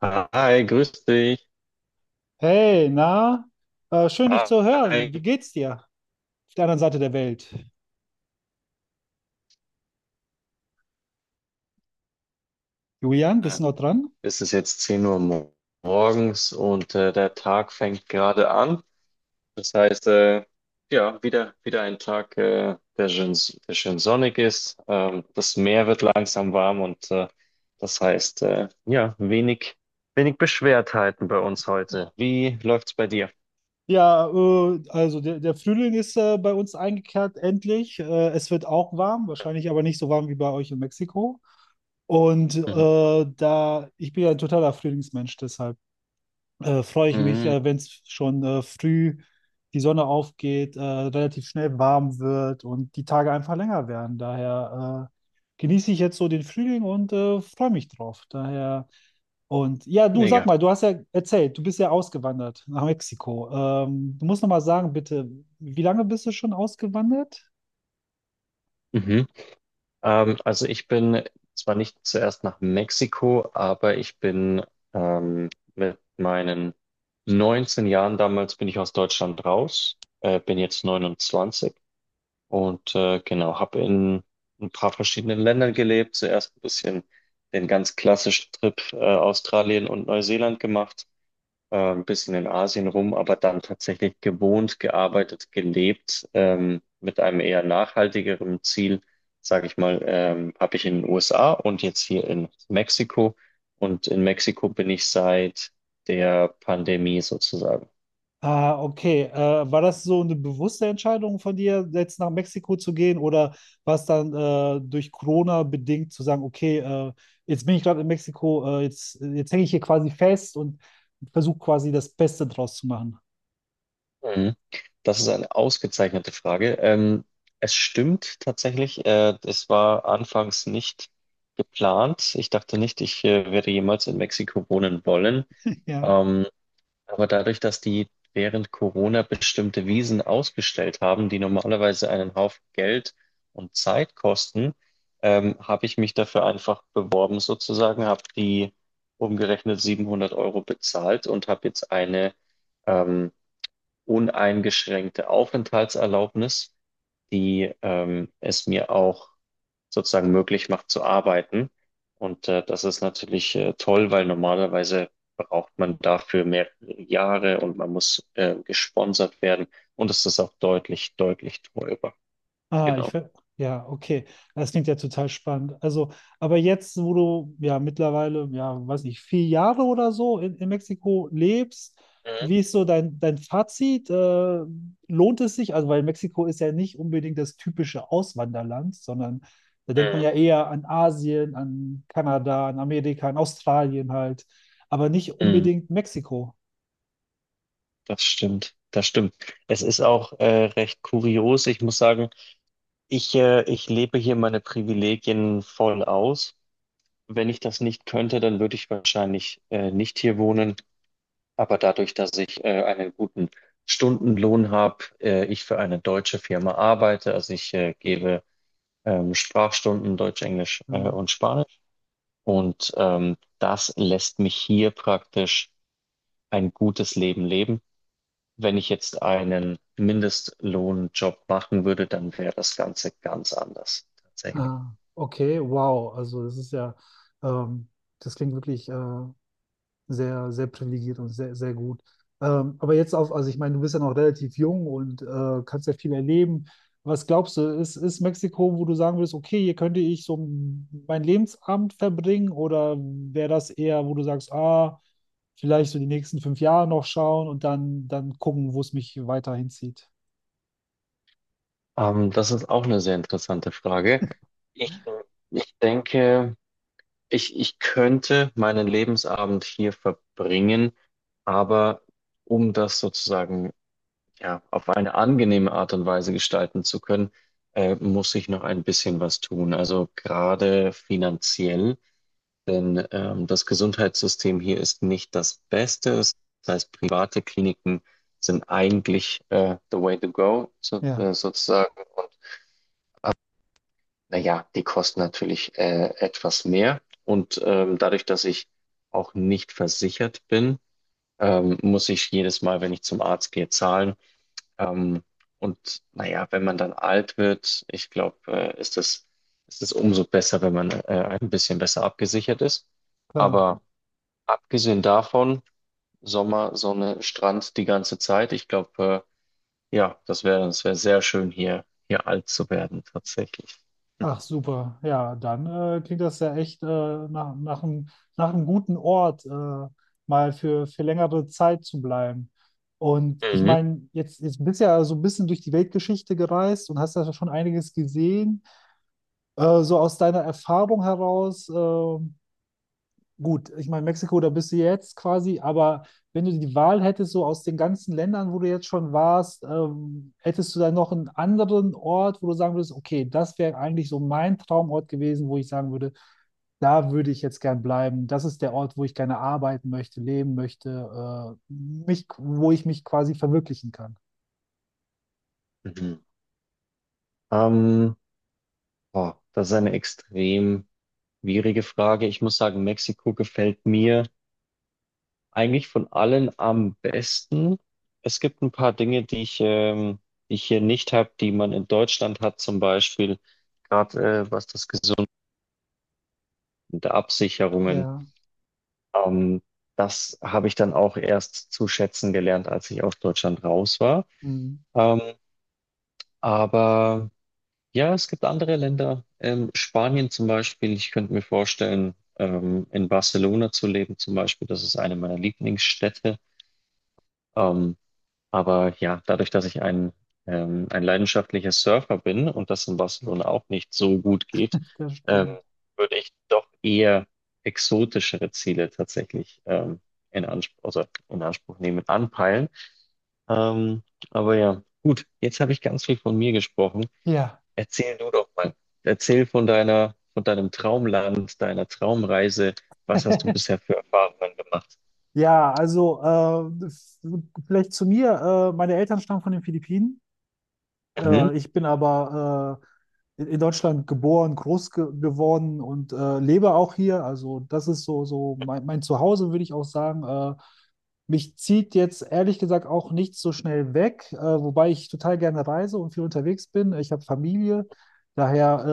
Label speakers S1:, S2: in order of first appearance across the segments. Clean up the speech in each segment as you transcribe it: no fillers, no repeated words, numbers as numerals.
S1: Hi, grüß dich.
S2: Hey, na, schön dich zu
S1: Hi.
S2: hören. Wie geht's dir? Auf der anderen Seite der Welt. Julian,
S1: Äh,
S2: bist du noch dran?
S1: Es ist jetzt 10 Uhr morgens und der Tag fängt gerade an. Das heißt, ja, wieder ein Tag, der schön sonnig ist. Das Meer wird langsam warm und das heißt, ja, wenig Beschwertheiten bei uns heute. Wie läuft's bei dir?
S2: Also der Frühling ist bei uns eingekehrt, endlich. Es wird auch warm, wahrscheinlich aber nicht so warm wie bei euch in Mexiko. Und
S1: Mhm.
S2: ich bin ja ein totaler Frühlingsmensch, deshalb freue ich mich,
S1: Mhm.
S2: wenn es schon früh die Sonne aufgeht, relativ schnell warm wird und die Tage einfach länger werden. Daher genieße ich jetzt so den Frühling und freue mich drauf. Daher und ja, du, sag
S1: Mega.
S2: mal, du hast ja erzählt, du bist ja ausgewandert nach Mexiko. Du musst noch mal sagen, bitte, wie lange bist du schon ausgewandert?
S1: Also ich bin zwar nicht zuerst nach Mexiko, aber ich bin ähm, mit meinen 19 Jahren damals bin ich aus Deutschland raus, bin jetzt 29 und genau, habe in ein paar verschiedenen Ländern gelebt. Zuerst ein bisschen den ganz klassischen Trip, Australien und Neuseeland gemacht, ein bisschen in Asien rum, aber dann tatsächlich gewohnt, gearbeitet, gelebt, mit einem eher nachhaltigeren Ziel, sage ich mal. Habe ich in den USA und jetzt hier in Mexiko. Und in Mexiko bin ich seit der Pandemie sozusagen.
S2: Ah, okay. War das so eine bewusste Entscheidung von dir, jetzt nach Mexiko zu gehen, oder war es dann durch Corona bedingt zu sagen, okay, jetzt bin ich gerade in Mexiko, jetzt hänge ich hier quasi fest und versuche quasi das Beste draus zu machen?
S1: Mhm. Das ist eine ausgezeichnete Frage. Es stimmt tatsächlich, es war anfangs nicht geplant. Ich dachte nicht, ich werde jemals in Mexiko wohnen wollen.
S2: Ja.
S1: Ähm, Aber dadurch, dass die während Corona bestimmte Wiesen ausgestellt haben, die normalerweise einen Haufen Geld und Zeit kosten, habe ich mich dafür einfach beworben sozusagen, habe die umgerechnet 700 Euro bezahlt und habe jetzt eine ähm, uneingeschränkte Aufenthaltserlaubnis, die es mir auch sozusagen möglich macht zu arbeiten. Und das ist natürlich toll, weil normalerweise braucht man dafür mehrere Jahre und man muss gesponsert werden. Und es ist auch deutlich, deutlich teurer.
S2: Ah, ich
S1: Genau.
S2: ver ja, okay. Das klingt ja total spannend. Also, aber jetzt, wo du ja mittlerweile, ja, weiß nicht, 4 Jahre oder so in Mexiko lebst,
S1: Mhm.
S2: wie ist so dein, dein Fazit? Lohnt es sich? Also, weil Mexiko ist ja nicht unbedingt das typische Auswanderland, sondern da denkt man
S1: Mhm.
S2: ja eher an Asien, an Kanada, an Amerika, an Australien halt, aber nicht
S1: Mhm.
S2: unbedingt Mexiko.
S1: Das stimmt. Das stimmt. Es ist auch recht kurios. Ich muss sagen, ich lebe hier meine Privilegien voll aus. Wenn ich das nicht könnte, dann würde ich wahrscheinlich nicht hier wohnen. Aber dadurch, dass ich einen guten Stundenlohn habe, ich für eine deutsche Firma arbeite, also ich gebe Sprachstunden Deutsch, Englisch
S2: Hm.
S1: und Spanisch. Und das lässt mich hier praktisch ein gutes Leben leben. Wenn ich jetzt einen Mindestlohnjob machen würde, dann wäre das Ganze ganz anders, tatsächlich.
S2: Ah, okay, wow. Also, ähm, das klingt wirklich sehr privilegiert und sehr gut. Aber jetzt auf, also ich meine, du bist ja noch relativ jung und kannst ja viel erleben. Was glaubst du, ist Mexiko, wo du sagen würdest, okay, hier könnte ich so meinen Lebensabend verbringen, oder wäre das eher, wo du sagst, ah, vielleicht so die nächsten 5 Jahre noch schauen und dann, dann gucken, wo es mich weiter hinzieht?
S1: Das ist auch eine sehr interessante Frage. Ich, äh, ich denke, ich könnte meinen Lebensabend hier verbringen, aber um das sozusagen ja auf eine angenehme Art und Weise gestalten zu können, muss ich noch ein bisschen was tun. Also gerade finanziell, denn das Gesundheitssystem hier ist nicht das Beste. Das heißt, private Kliniken sind eigentlich, the way to go, so,
S2: Ja,
S1: sozusagen. Naja, die kosten natürlich etwas mehr. Und dadurch, dass ich auch nicht versichert bin, muss ich jedes Mal, wenn ich zum Arzt gehe, zahlen. Ähm, und naja, wenn man dann alt wird, ich glaube, ist es umso besser, wenn man ein bisschen besser abgesichert ist.
S2: klar.
S1: Aber abgesehen davon, Sommer, Sonne, Strand die ganze Zeit, ich glaube, ja, das wäre sehr schön, hier alt zu werden, tatsächlich.
S2: Ach super, ja, dann klingt das ja echt nach, nach einem, nach einem guten Ort, mal für längere Zeit zu bleiben. Und ich
S1: Mhm.
S2: meine, jetzt, jetzt bist du ja so ein bisschen durch die Weltgeschichte gereist und hast ja schon einiges gesehen. So aus deiner Erfahrung heraus, gut, ich meine, Mexiko, da bist du jetzt quasi, aber wenn du die Wahl hättest, so aus den ganzen Ländern, wo du jetzt schon warst, hättest du dann noch einen anderen Ort, wo du sagen würdest, okay, das wäre eigentlich so mein Traumort gewesen, wo ich sagen würde, da würde ich jetzt gern bleiben. Das ist der Ort, wo ich gerne arbeiten möchte, leben möchte, wo ich mich quasi verwirklichen kann.
S1: Mhm. Ähm, oh, das ist eine extrem schwierige Frage. Ich muss sagen, Mexiko gefällt mir eigentlich von allen am besten. Es gibt ein paar Dinge, die ich hier nicht habe, die man in Deutschland hat, zum Beispiel gerade, was das Gesundheit der Absicherungen.
S2: Ja.
S1: Ähm, das habe ich dann auch erst zu schätzen gelernt, als ich aus Deutschland raus war.
S2: Mhm,
S1: Ähm, aber ja, es gibt andere Länder, Spanien zum Beispiel. Ich könnte mir vorstellen, in Barcelona zu leben zum Beispiel. Das ist eine meiner Lieblingsstädte. Ähm, aber ja, dadurch, dass ich ein leidenschaftlicher Surfer bin und das in Barcelona auch nicht so gut geht,
S2: das
S1: ähm,
S2: stimmt.
S1: würde ich doch eher exotischere Ziele tatsächlich in Anspruch, also in Anspruch nehmen, anpeilen. Ähm, aber ja, gut, jetzt habe ich ganz viel von mir gesprochen.
S2: Ja.
S1: Erzähl du doch mal. Erzähl von deinem Traumland, deiner Traumreise. Was hast du bisher für Erfahrungen gemacht?
S2: Ja, also äh, f- Vielleicht zu mir. Meine Eltern stammen von den Philippinen.
S1: Mhm,
S2: Ich bin aber in Deutschland geboren, groß ge geworden und lebe auch hier. Also das ist so, so mein Zuhause, würde ich auch sagen. Mich zieht jetzt ehrlich gesagt auch nicht so schnell weg, wobei ich total gerne reise und viel unterwegs bin. Ich habe Familie.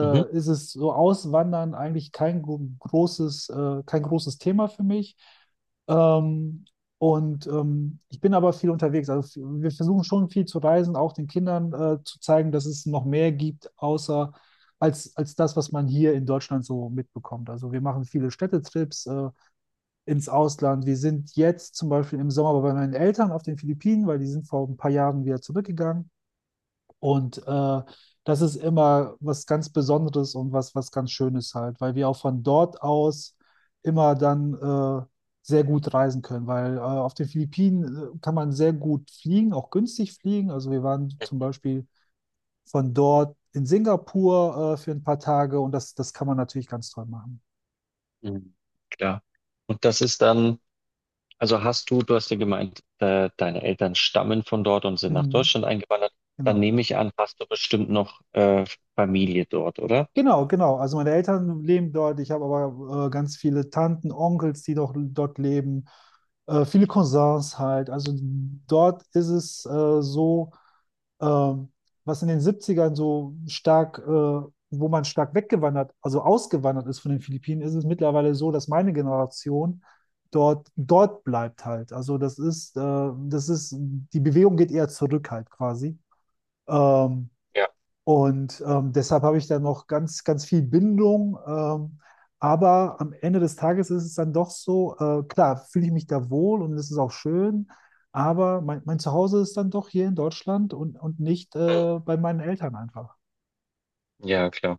S1: mhm,
S2: ist es so Auswandern eigentlich kein großes Thema für mich. Ähm, Ich bin aber viel unterwegs. Wir versuchen schon viel zu reisen, auch den Kindern zu zeigen, dass es noch mehr gibt, außer als das, was man hier in Deutschland so mitbekommt. Also wir machen viele Städtetrips ins Ausland. Wir sind jetzt zum Beispiel im Sommer bei meinen Eltern auf den Philippinen, weil die sind vor ein paar Jahren wieder zurückgegangen. Und das ist immer was ganz Besonderes und was, was ganz Schönes halt, weil wir auch von dort aus immer dann sehr gut reisen können, weil auf den Philippinen kann man sehr gut fliegen, auch günstig fliegen. Also wir waren zum Beispiel von dort in Singapur für ein paar Tage und das, das kann man natürlich ganz toll machen.
S1: mhm. Klar. Und das ist dann, also du hast ja gemeint, deine Eltern stammen von dort und sind nach
S2: Mhm,
S1: Deutschland eingewandert. Dann
S2: genau.
S1: nehme ich an, hast du bestimmt noch Familie dort, oder?
S2: Genau, genau. Also meine Eltern leben dort. Ich habe aber ganz viele Tanten, Onkels, die doch dort leben. Viele Cousins halt. Also dort ist es so, ähm, was in den Siebzigern so stark, wo man stark weggewandert, also ausgewandert ist von den Philippinen, ist es mittlerweile so, dass meine Generation dort, dort bleibt halt. Also das ist, die Bewegung geht eher zurück halt quasi. Ähm,
S1: Ja.
S2: Deshalb habe ich da noch ganz, ganz viel Bindung. Aber am Ende des Tages ist es dann doch so, klar, fühle ich mich da wohl und es ist auch schön, aber mein Zuhause ist dann doch hier in Deutschland und nicht
S1: Mhm.
S2: bei meinen Eltern einfach.
S1: Ja, klar,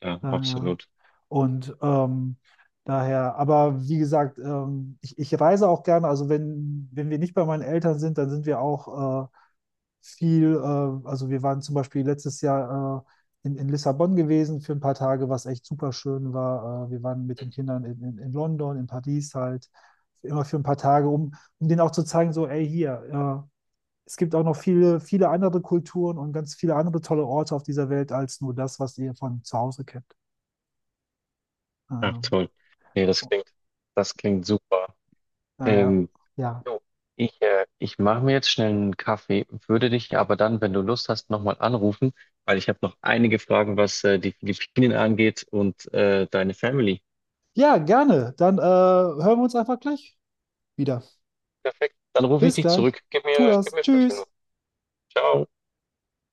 S1: klar,
S2: Daher.
S1: absolut.
S2: Und ähm, aber wie gesagt, ich, ich reise auch gerne. Also wenn, wenn wir nicht bei meinen Eltern sind, dann sind wir auch also wir waren zum Beispiel letztes Jahr in Lissabon gewesen für ein paar Tage, was echt super schön war. Wir waren mit den Kindern in London, in Paris halt, immer für ein paar Tage, um, um denen auch zu zeigen, so, ey, hier, es gibt auch noch viele, viele andere Kulturen und ganz viele andere tolle Orte auf dieser Welt als nur das, was ihr von zu Hause kennt.
S1: Ach,
S2: Ähm,
S1: toll. Nee, das klingt, super.
S2: naja,
S1: Ähm,
S2: ja.
S1: Jo. Ich mache mir jetzt schnell einen Kaffee, würde dich aber dann, wenn du Lust hast, nochmal anrufen, weil ich habe noch einige Fragen, was die Philippinen angeht und deine Family.
S2: Ja, gerne. Dann hören wir uns einfach gleich wieder.
S1: Perfekt. Dann rufe ich
S2: Bis
S1: dich
S2: gleich.
S1: zurück. Gib
S2: Tu
S1: mir, gib
S2: das.
S1: mir fünf
S2: Tschüss.
S1: Minuten. Ciao.